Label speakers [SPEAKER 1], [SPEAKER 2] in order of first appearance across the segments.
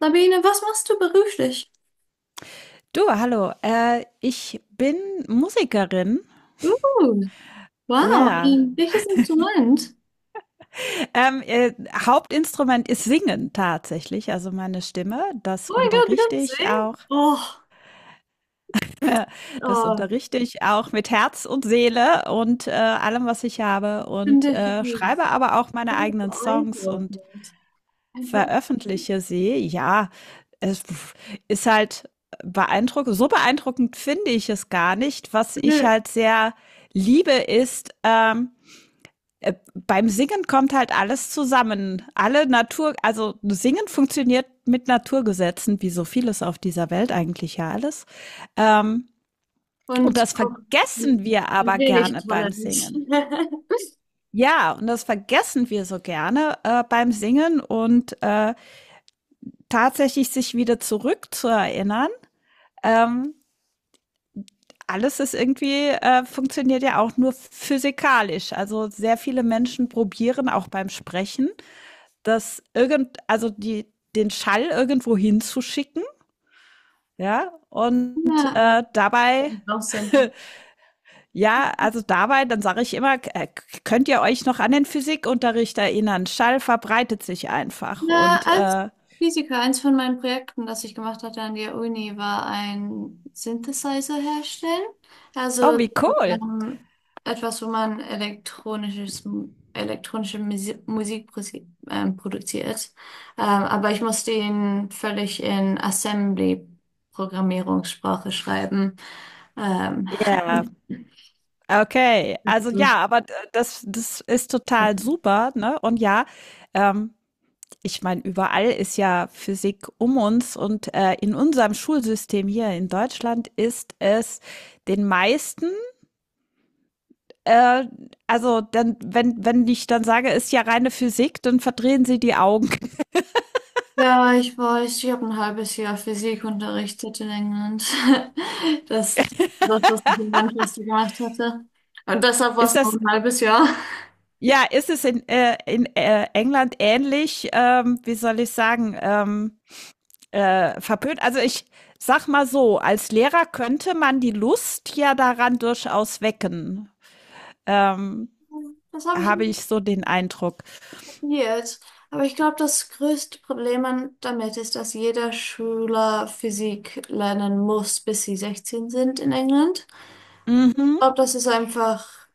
[SPEAKER 1] Sabine, was machst du beruflich?
[SPEAKER 2] Du, hallo. Ich bin Musikerin.
[SPEAKER 1] Uh, wow,
[SPEAKER 2] Ja.
[SPEAKER 1] welches Instrument?
[SPEAKER 2] Ähm, äh, Hauptinstrument ist Singen tatsächlich, also meine Stimme. Das
[SPEAKER 1] Oh mein Gott, du
[SPEAKER 2] unterrichte
[SPEAKER 1] kannst
[SPEAKER 2] ich auch.
[SPEAKER 1] singen? Oh,
[SPEAKER 2] Das
[SPEAKER 1] oh,
[SPEAKER 2] unterrichte ich auch mit Herz und Seele und allem, was ich habe.
[SPEAKER 1] finde
[SPEAKER 2] Und
[SPEAKER 1] ich
[SPEAKER 2] schreibe aber auch
[SPEAKER 1] so
[SPEAKER 2] meine eigenen Songs und
[SPEAKER 1] beeindruckend.
[SPEAKER 2] veröffentliche sie. Ja, es ist halt beeindruckend. So beeindruckend finde ich es gar nicht. Was ich
[SPEAKER 1] Nö,
[SPEAKER 2] halt sehr liebe, ist, beim Singen kommt halt alles zusammen. Alle Natur, also Singen funktioniert mit Naturgesetzen, wie so vieles auf dieser Welt eigentlich ja alles. Ähm, und
[SPEAKER 1] und
[SPEAKER 2] das
[SPEAKER 1] auch
[SPEAKER 2] vergessen
[SPEAKER 1] ein
[SPEAKER 2] wir
[SPEAKER 1] ein
[SPEAKER 2] aber
[SPEAKER 1] wenig
[SPEAKER 2] gerne beim
[SPEAKER 1] Talent.
[SPEAKER 2] Singen. Ja, und das vergessen wir so gerne beim Singen und tatsächlich sich wieder zurück zu erinnern. Ähm, alles ist irgendwie, funktioniert ja auch nur physikalisch. Also sehr viele Menschen probieren auch beim Sprechen das also den Schall irgendwo hinzuschicken, ja, und
[SPEAKER 1] Ja, draußen.
[SPEAKER 2] ja, also dabei, dann sage ich immer, könnt ihr euch noch an den Physikunterricht erinnern? Schall verbreitet sich einfach
[SPEAKER 1] Na,
[SPEAKER 2] und
[SPEAKER 1] als Physiker, eins von meinen Projekten, das ich gemacht hatte an der Uni, war ein Synthesizer herstellen.
[SPEAKER 2] oh,
[SPEAKER 1] Also
[SPEAKER 2] wie cool.
[SPEAKER 1] ähm, etwas, wo man elektronisches, elektronische Musik produziert. Aber ich musste ihn völlig in Assembly-Programmierungssprache schreiben. Ähm,
[SPEAKER 2] Ja, okay. Also ja, aber das ist total super, ne? Und ja, ähm, ich meine, überall ist ja Physik um uns und in unserem Schulsystem hier in Deutschland ist es den meisten, äh, also dann, wenn, wenn ich dann sage, ist ja reine Physik, dann verdrehen sie die Augen.
[SPEAKER 1] Ja, ich weiß, ich habe ein halbes Jahr Physik unterrichtet in England. Das, das, was ich in Manchester gemacht hatte. Und deshalb war
[SPEAKER 2] Ist
[SPEAKER 1] es noch
[SPEAKER 2] das,
[SPEAKER 1] ein halbes Jahr.
[SPEAKER 2] ja, ist es in, England ähnlich, wie soll ich sagen, verpönt? Also ich sag mal so, als Lehrer könnte man die Lust ja daran durchaus wecken. Ähm,
[SPEAKER 1] Das habe ich
[SPEAKER 2] habe
[SPEAKER 1] nie
[SPEAKER 2] ich so den Eindruck.
[SPEAKER 1] probiert. Aber ich glaube, das größte Problem damit ist, dass jeder Schüler Physik lernen muss, bis sie 16 sind in England. Ich
[SPEAKER 2] Mhm.
[SPEAKER 1] glaube, das ist einfach.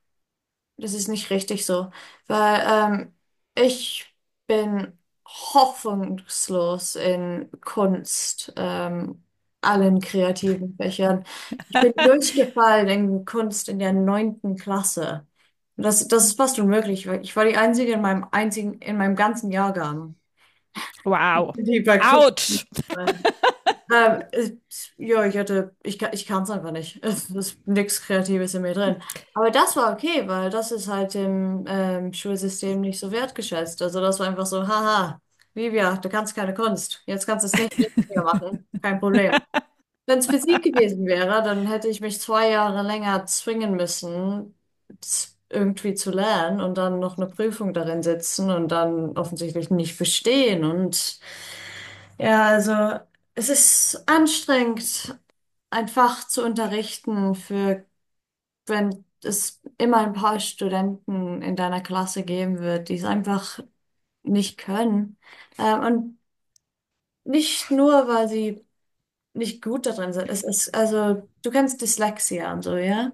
[SPEAKER 1] Das ist nicht richtig so, weil ich bin hoffnungslos in Kunst, allen kreativen Fächern. Ich bin durchgefallen in Kunst in der neunten Klasse. Und das ist fast unmöglich, weil ich war die Einzige in meinem einzigen, in meinem ganzen Jahrgang,
[SPEAKER 2] Wow.
[SPEAKER 1] die bei Kunst.
[SPEAKER 2] Autsch.
[SPEAKER 1] Ähm, es- ja, ich hatte, ich, ka- ich kann es einfach nicht. Es ist nichts Kreatives in mir drin. Aber das war okay, weil das ist halt im Schulsystem nicht so wertgeschätzt. Also das war einfach so, haha, Livia, du kannst keine Kunst. Jetzt kannst du es nicht mehr machen. Kein Problem. Wenn es Physik gewesen wäre, dann hätte ich mich 2 Jahre länger zwingen müssen, irgendwie zu lernen und dann noch eine Prüfung darin sitzen und dann offensichtlich nicht bestehen und ja, also es ist anstrengend, ein Fach zu unterrichten für, wenn es immer ein paar Studenten in deiner Klasse geben wird, die es einfach nicht können. Und nicht nur, weil sie nicht gut darin sind. Es ist, also du kennst Dyslexia und so, ja?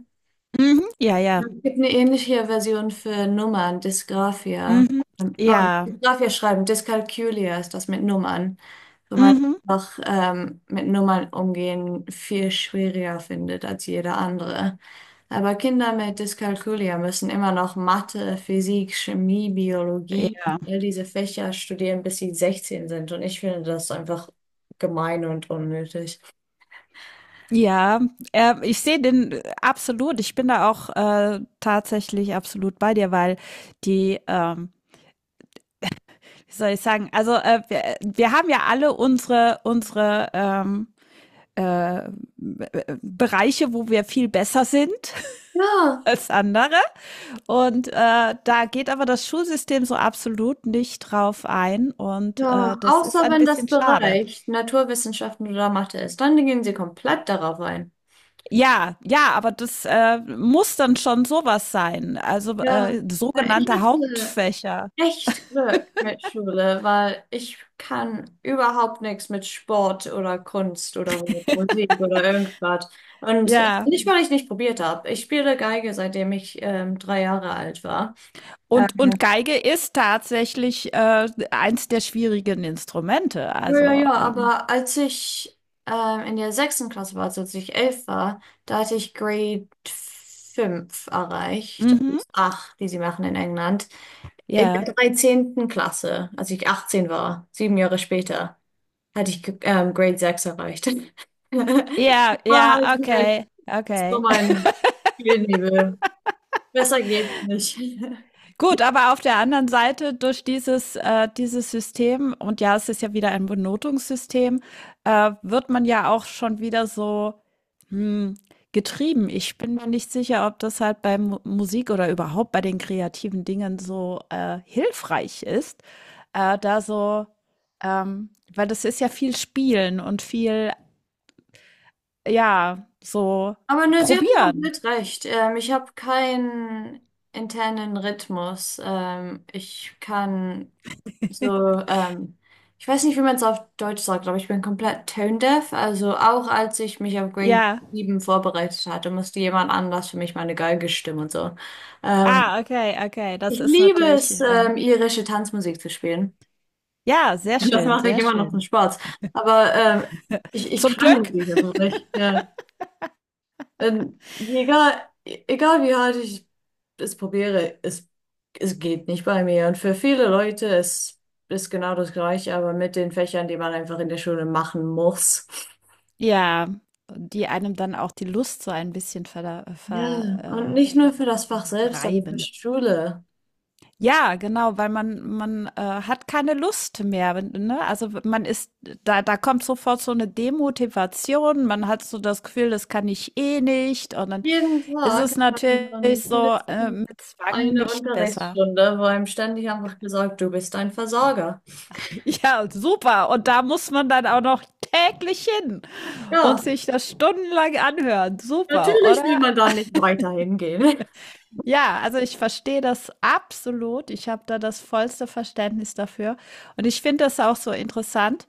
[SPEAKER 2] Mhm. Ja,
[SPEAKER 1] Ja,
[SPEAKER 2] ja.
[SPEAKER 1] es gibt eine ähnliche Version für Nummern, Dysgraphia.
[SPEAKER 2] Mhm.
[SPEAKER 1] Oh,
[SPEAKER 2] Ja.
[SPEAKER 1] Dysgraphia schreiben, Dyskalkulia ist das mit Nummern. Wo man
[SPEAKER 2] Mhm.
[SPEAKER 1] einfach mit Nummern umgehen viel schwieriger findet als jeder andere. Aber Kinder mit Dyskalkulia müssen immer noch Mathe, Physik, Chemie, Biologie,
[SPEAKER 2] Ja,
[SPEAKER 1] all diese Fächer studieren, bis sie 16 sind. Und ich finde das einfach gemein und unnötig.
[SPEAKER 2] ja, ich sehe den absolut. Ich bin da auch tatsächlich absolut bei dir, weil die, ähm, wie soll ich sagen, also wir haben ja alle unsere äh, Bereiche, wo wir viel besser sind
[SPEAKER 1] Ja.
[SPEAKER 2] als andere. Und da geht aber das Schulsystem so absolut nicht drauf ein. Und
[SPEAKER 1] Ja,
[SPEAKER 2] das ist
[SPEAKER 1] außer
[SPEAKER 2] ein
[SPEAKER 1] wenn das
[SPEAKER 2] bisschen schade.
[SPEAKER 1] Bereich Naturwissenschaften oder Mathe ist, dann gehen sie komplett darauf ein.
[SPEAKER 2] Ja, ja, aber das, muss dann schon sowas sein. Also,
[SPEAKER 1] Ja, ja, ich
[SPEAKER 2] sogenannte
[SPEAKER 1] hatte
[SPEAKER 2] Hauptfächer.
[SPEAKER 1] echt Glück mit Schule, weil ich kann überhaupt nichts mit Sport oder Kunst oder mit Musik oder irgendwas. Und
[SPEAKER 2] Ja.
[SPEAKER 1] nicht, weil ich nicht probiert habe. Ich spiele Geige, seitdem ich 3 Jahre alt war.
[SPEAKER 2] Und Geige ist tatsächlich, eins der schwierigen Instrumente.
[SPEAKER 1] Ja, ja,
[SPEAKER 2] Also,
[SPEAKER 1] ja, aber als ich in der sechsten Klasse war, also als ich 11 war, da hatte ich Grade 5 erreicht.
[SPEAKER 2] mhm.
[SPEAKER 1] Acht, die sie machen in England. In
[SPEAKER 2] Ja.
[SPEAKER 1] der 13. Klasse, als ich 18 war, 7 Jahre später, hatte ich Grade 6 erreicht.
[SPEAKER 2] Ja,
[SPEAKER 1] War
[SPEAKER 2] ja,
[SPEAKER 1] halt mein,
[SPEAKER 2] okay,
[SPEAKER 1] so
[SPEAKER 2] okay.
[SPEAKER 1] mein Spielnebel. Besser geht's nicht.
[SPEAKER 2] Gut, aber auf der anderen Seite durch dieses, dieses System und ja, es ist ja wieder ein Benotungssystem, wird man ja auch schon wieder so Hm, getrieben. Ich bin mir nicht sicher, ob das halt bei Mu Musik oder überhaupt bei den kreativen Dingen so, hilfreich ist, da so ähm, weil das ist ja viel Spielen und viel, ja, so
[SPEAKER 1] Aber ne, Sie hatten
[SPEAKER 2] probieren.
[SPEAKER 1] komplett recht. Ich habe keinen internen Rhythmus. Ich kann so, ich weiß nicht, wie man es auf Deutsch sagt, aber ich bin komplett tone deaf. Also auch als ich mich auf Grade
[SPEAKER 2] Ja.
[SPEAKER 1] sieben vorbereitet hatte, musste jemand anders für mich meine Geige stimmen und so. Ähm,
[SPEAKER 2] Ah, okay, okay.
[SPEAKER 1] Ich
[SPEAKER 2] Das ist
[SPEAKER 1] liebe
[SPEAKER 2] natürlich,
[SPEAKER 1] es, irische Tanzmusik zu spielen.
[SPEAKER 2] ja, sehr
[SPEAKER 1] Das
[SPEAKER 2] schön,
[SPEAKER 1] mache ich
[SPEAKER 2] sehr
[SPEAKER 1] immer noch zum
[SPEAKER 2] schön.
[SPEAKER 1] Spaß. Aber ich, ich
[SPEAKER 2] Zum
[SPEAKER 1] kann
[SPEAKER 2] Glück.
[SPEAKER 1] Musik, aber ich, ja. Egal, egal wie hart ich es probiere, es geht nicht bei mir. Und für viele Leute ist, genau das Gleiche, aber mit den Fächern, die man einfach in der Schule machen muss.
[SPEAKER 2] Ja, die einem dann auch die Lust so ein bisschen verda
[SPEAKER 1] Ja, und
[SPEAKER 2] ver
[SPEAKER 1] nicht nur für das Fach selbst, aber für die
[SPEAKER 2] reiben.
[SPEAKER 1] Schule.
[SPEAKER 2] Ja, genau, weil man hat keine Lust mehr, wenn- ne? Also man ist da kommt sofort so eine Demotivation, man hat so das Gefühl, das kann ich eh nicht und dann
[SPEAKER 1] Jeden
[SPEAKER 2] ist
[SPEAKER 1] Tag
[SPEAKER 2] es
[SPEAKER 1] hat man
[SPEAKER 2] natürlich
[SPEAKER 1] dann
[SPEAKER 2] so
[SPEAKER 1] mindestens
[SPEAKER 2] mit Zwang
[SPEAKER 1] eine
[SPEAKER 2] nicht besser.
[SPEAKER 1] Unterrichtsstunde, wo einem ständig einfach gesagt, du bist ein Versager.
[SPEAKER 2] Ja, super und da muss man dann auch noch täglich hin und
[SPEAKER 1] Ja,
[SPEAKER 2] sich das stundenlang anhören. Super,
[SPEAKER 1] natürlich will
[SPEAKER 2] oder?
[SPEAKER 1] man da nicht weiter hingehen.
[SPEAKER 2] Ja, also ich verstehe das absolut. Ich habe da das vollste Verständnis dafür und ich finde das auch so interessant.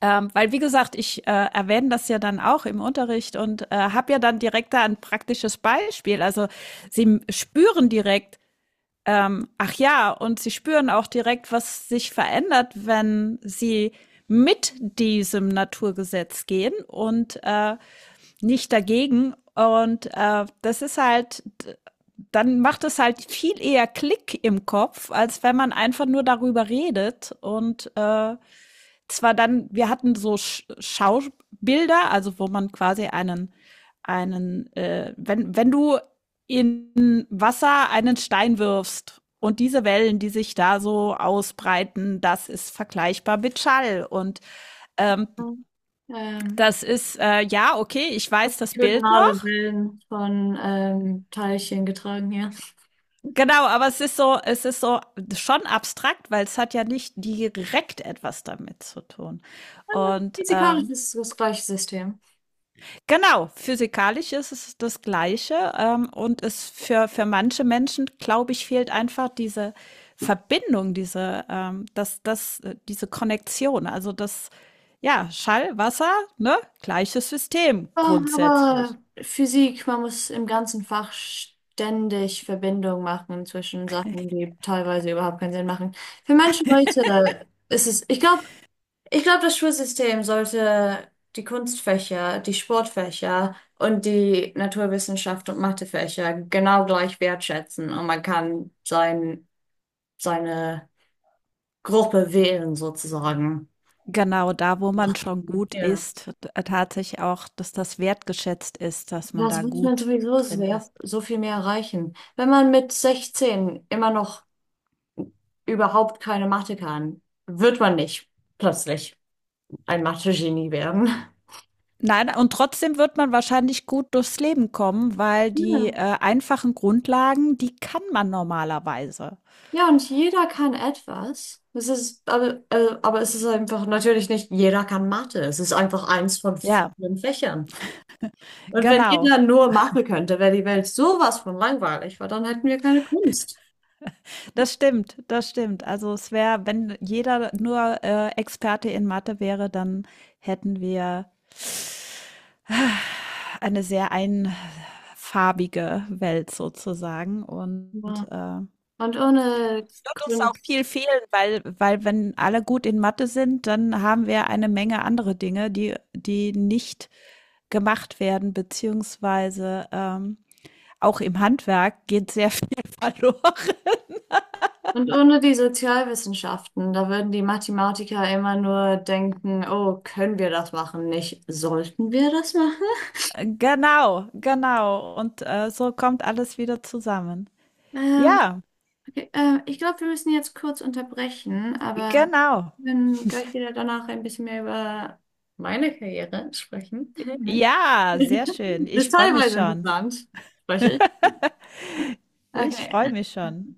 [SPEAKER 2] Weil, wie gesagt, ich erwähne das ja dann auch im Unterricht und habe ja dann direkt da ein praktisches Beispiel. Also sie spüren direkt, ach ja, und sie spüren auch direkt, was sich verändert, wenn sie mit diesem Naturgesetz gehen und nicht dagegen. Und das ist halt, dann macht es halt viel eher Klick im Kopf, als wenn man einfach nur darüber redet und zwar dann, wir hatten so Schaubilder, also wo man quasi wenn, wenn du in Wasser einen Stein wirfst und diese Wellen, die sich da so ausbreiten, das ist vergleichbar mit Schall. Und ähm,
[SPEAKER 1] Ähm,
[SPEAKER 2] das ist, ja, okay, ich weiß das Bild
[SPEAKER 1] Longitudinale
[SPEAKER 2] noch.
[SPEAKER 1] Wellen von Teilchen getragen, ja.
[SPEAKER 2] Genau, aber es ist so schon abstrakt, weil es hat ja nicht direkt etwas damit zu tun. Und
[SPEAKER 1] Physikalisch
[SPEAKER 2] ähm,
[SPEAKER 1] ist es das gleiche System.
[SPEAKER 2] Genau, physikalisch ist es das Gleiche, und es für manche Menschen, glaube ich, fehlt einfach diese Verbindung, diese Konnektion. Also, das ja, Schall, Wasser, ne, gleiches System
[SPEAKER 1] Ja,
[SPEAKER 2] grundsätzlich.
[SPEAKER 1] aber Physik, man muss im ganzen Fach ständig Verbindungen machen zwischen Sachen, die teilweise überhaupt keinen Sinn machen. Für manche Leute ist es, ich glaube, das Schulsystem sollte die Kunstfächer, die Sportfächer und die Naturwissenschaft und Mathefächer genau gleich wertschätzen und man kann seine Gruppe wählen sozusagen.
[SPEAKER 2] Genau, da, wo man schon gut
[SPEAKER 1] Ja.
[SPEAKER 2] ist, t tatsächlich auch, dass das wertgeschätzt ist, dass man da
[SPEAKER 1] Das wird man
[SPEAKER 2] gut
[SPEAKER 1] sowieso
[SPEAKER 2] drin
[SPEAKER 1] sehr,
[SPEAKER 2] ist.
[SPEAKER 1] so viel mehr erreichen. Wenn man mit 16 immer noch überhaupt keine Mathe kann, wird man nicht plötzlich ein Mathe-Genie werden.
[SPEAKER 2] Nein, und trotzdem wird man wahrscheinlich gut durchs Leben kommen, weil die,
[SPEAKER 1] Ja,
[SPEAKER 2] einfachen Grundlagen, die kann man normalerweise.
[SPEAKER 1] ja, und jeder kann etwas. Es ist, aber es ist einfach natürlich nicht, jeder kann Mathe. Es ist einfach eins von
[SPEAKER 2] Ja,
[SPEAKER 1] vielen Fächern. Und wenn
[SPEAKER 2] genau.
[SPEAKER 1] jeder nur Mathe könnte, wäre die Welt sowas von langweilig, weil dann hätten wir keine Kunst.
[SPEAKER 2] Das stimmt, das stimmt. Also es wäre, wenn jeder nur, Experte in Mathe wäre, dann hätten wir äh, eine sehr einfarbige Welt sozusagen
[SPEAKER 1] Ja.
[SPEAKER 2] und.
[SPEAKER 1] Und ohne
[SPEAKER 2] Es wird uns auch
[SPEAKER 1] Kunst
[SPEAKER 2] viel fehlen, weil, weil wenn alle gut in Mathe sind, dann haben wir eine Menge andere Dinge, die nicht gemacht werden, beziehungsweise auch im Handwerk geht sehr viel verloren.
[SPEAKER 1] und ohne die Sozialwissenschaften, da würden die Mathematiker immer nur denken, oh, können wir das machen? Nicht, sollten wir das machen?
[SPEAKER 2] Genau, genau. Und so kommt alles wieder zusammen.
[SPEAKER 1] Ähm,
[SPEAKER 2] Ja,
[SPEAKER 1] okay, ich glaube, wir müssen jetzt kurz unterbrechen, aber
[SPEAKER 2] genau.
[SPEAKER 1] wir können gleich wieder danach ein bisschen mehr über meine Karriere sprechen.
[SPEAKER 2] Ja, sehr schön.
[SPEAKER 1] Das
[SPEAKER 2] Ich
[SPEAKER 1] ist
[SPEAKER 2] freue mich
[SPEAKER 1] teilweise
[SPEAKER 2] schon.
[SPEAKER 1] interessant, spreche ich.
[SPEAKER 2] Ich
[SPEAKER 1] Okay.
[SPEAKER 2] freue mich schon.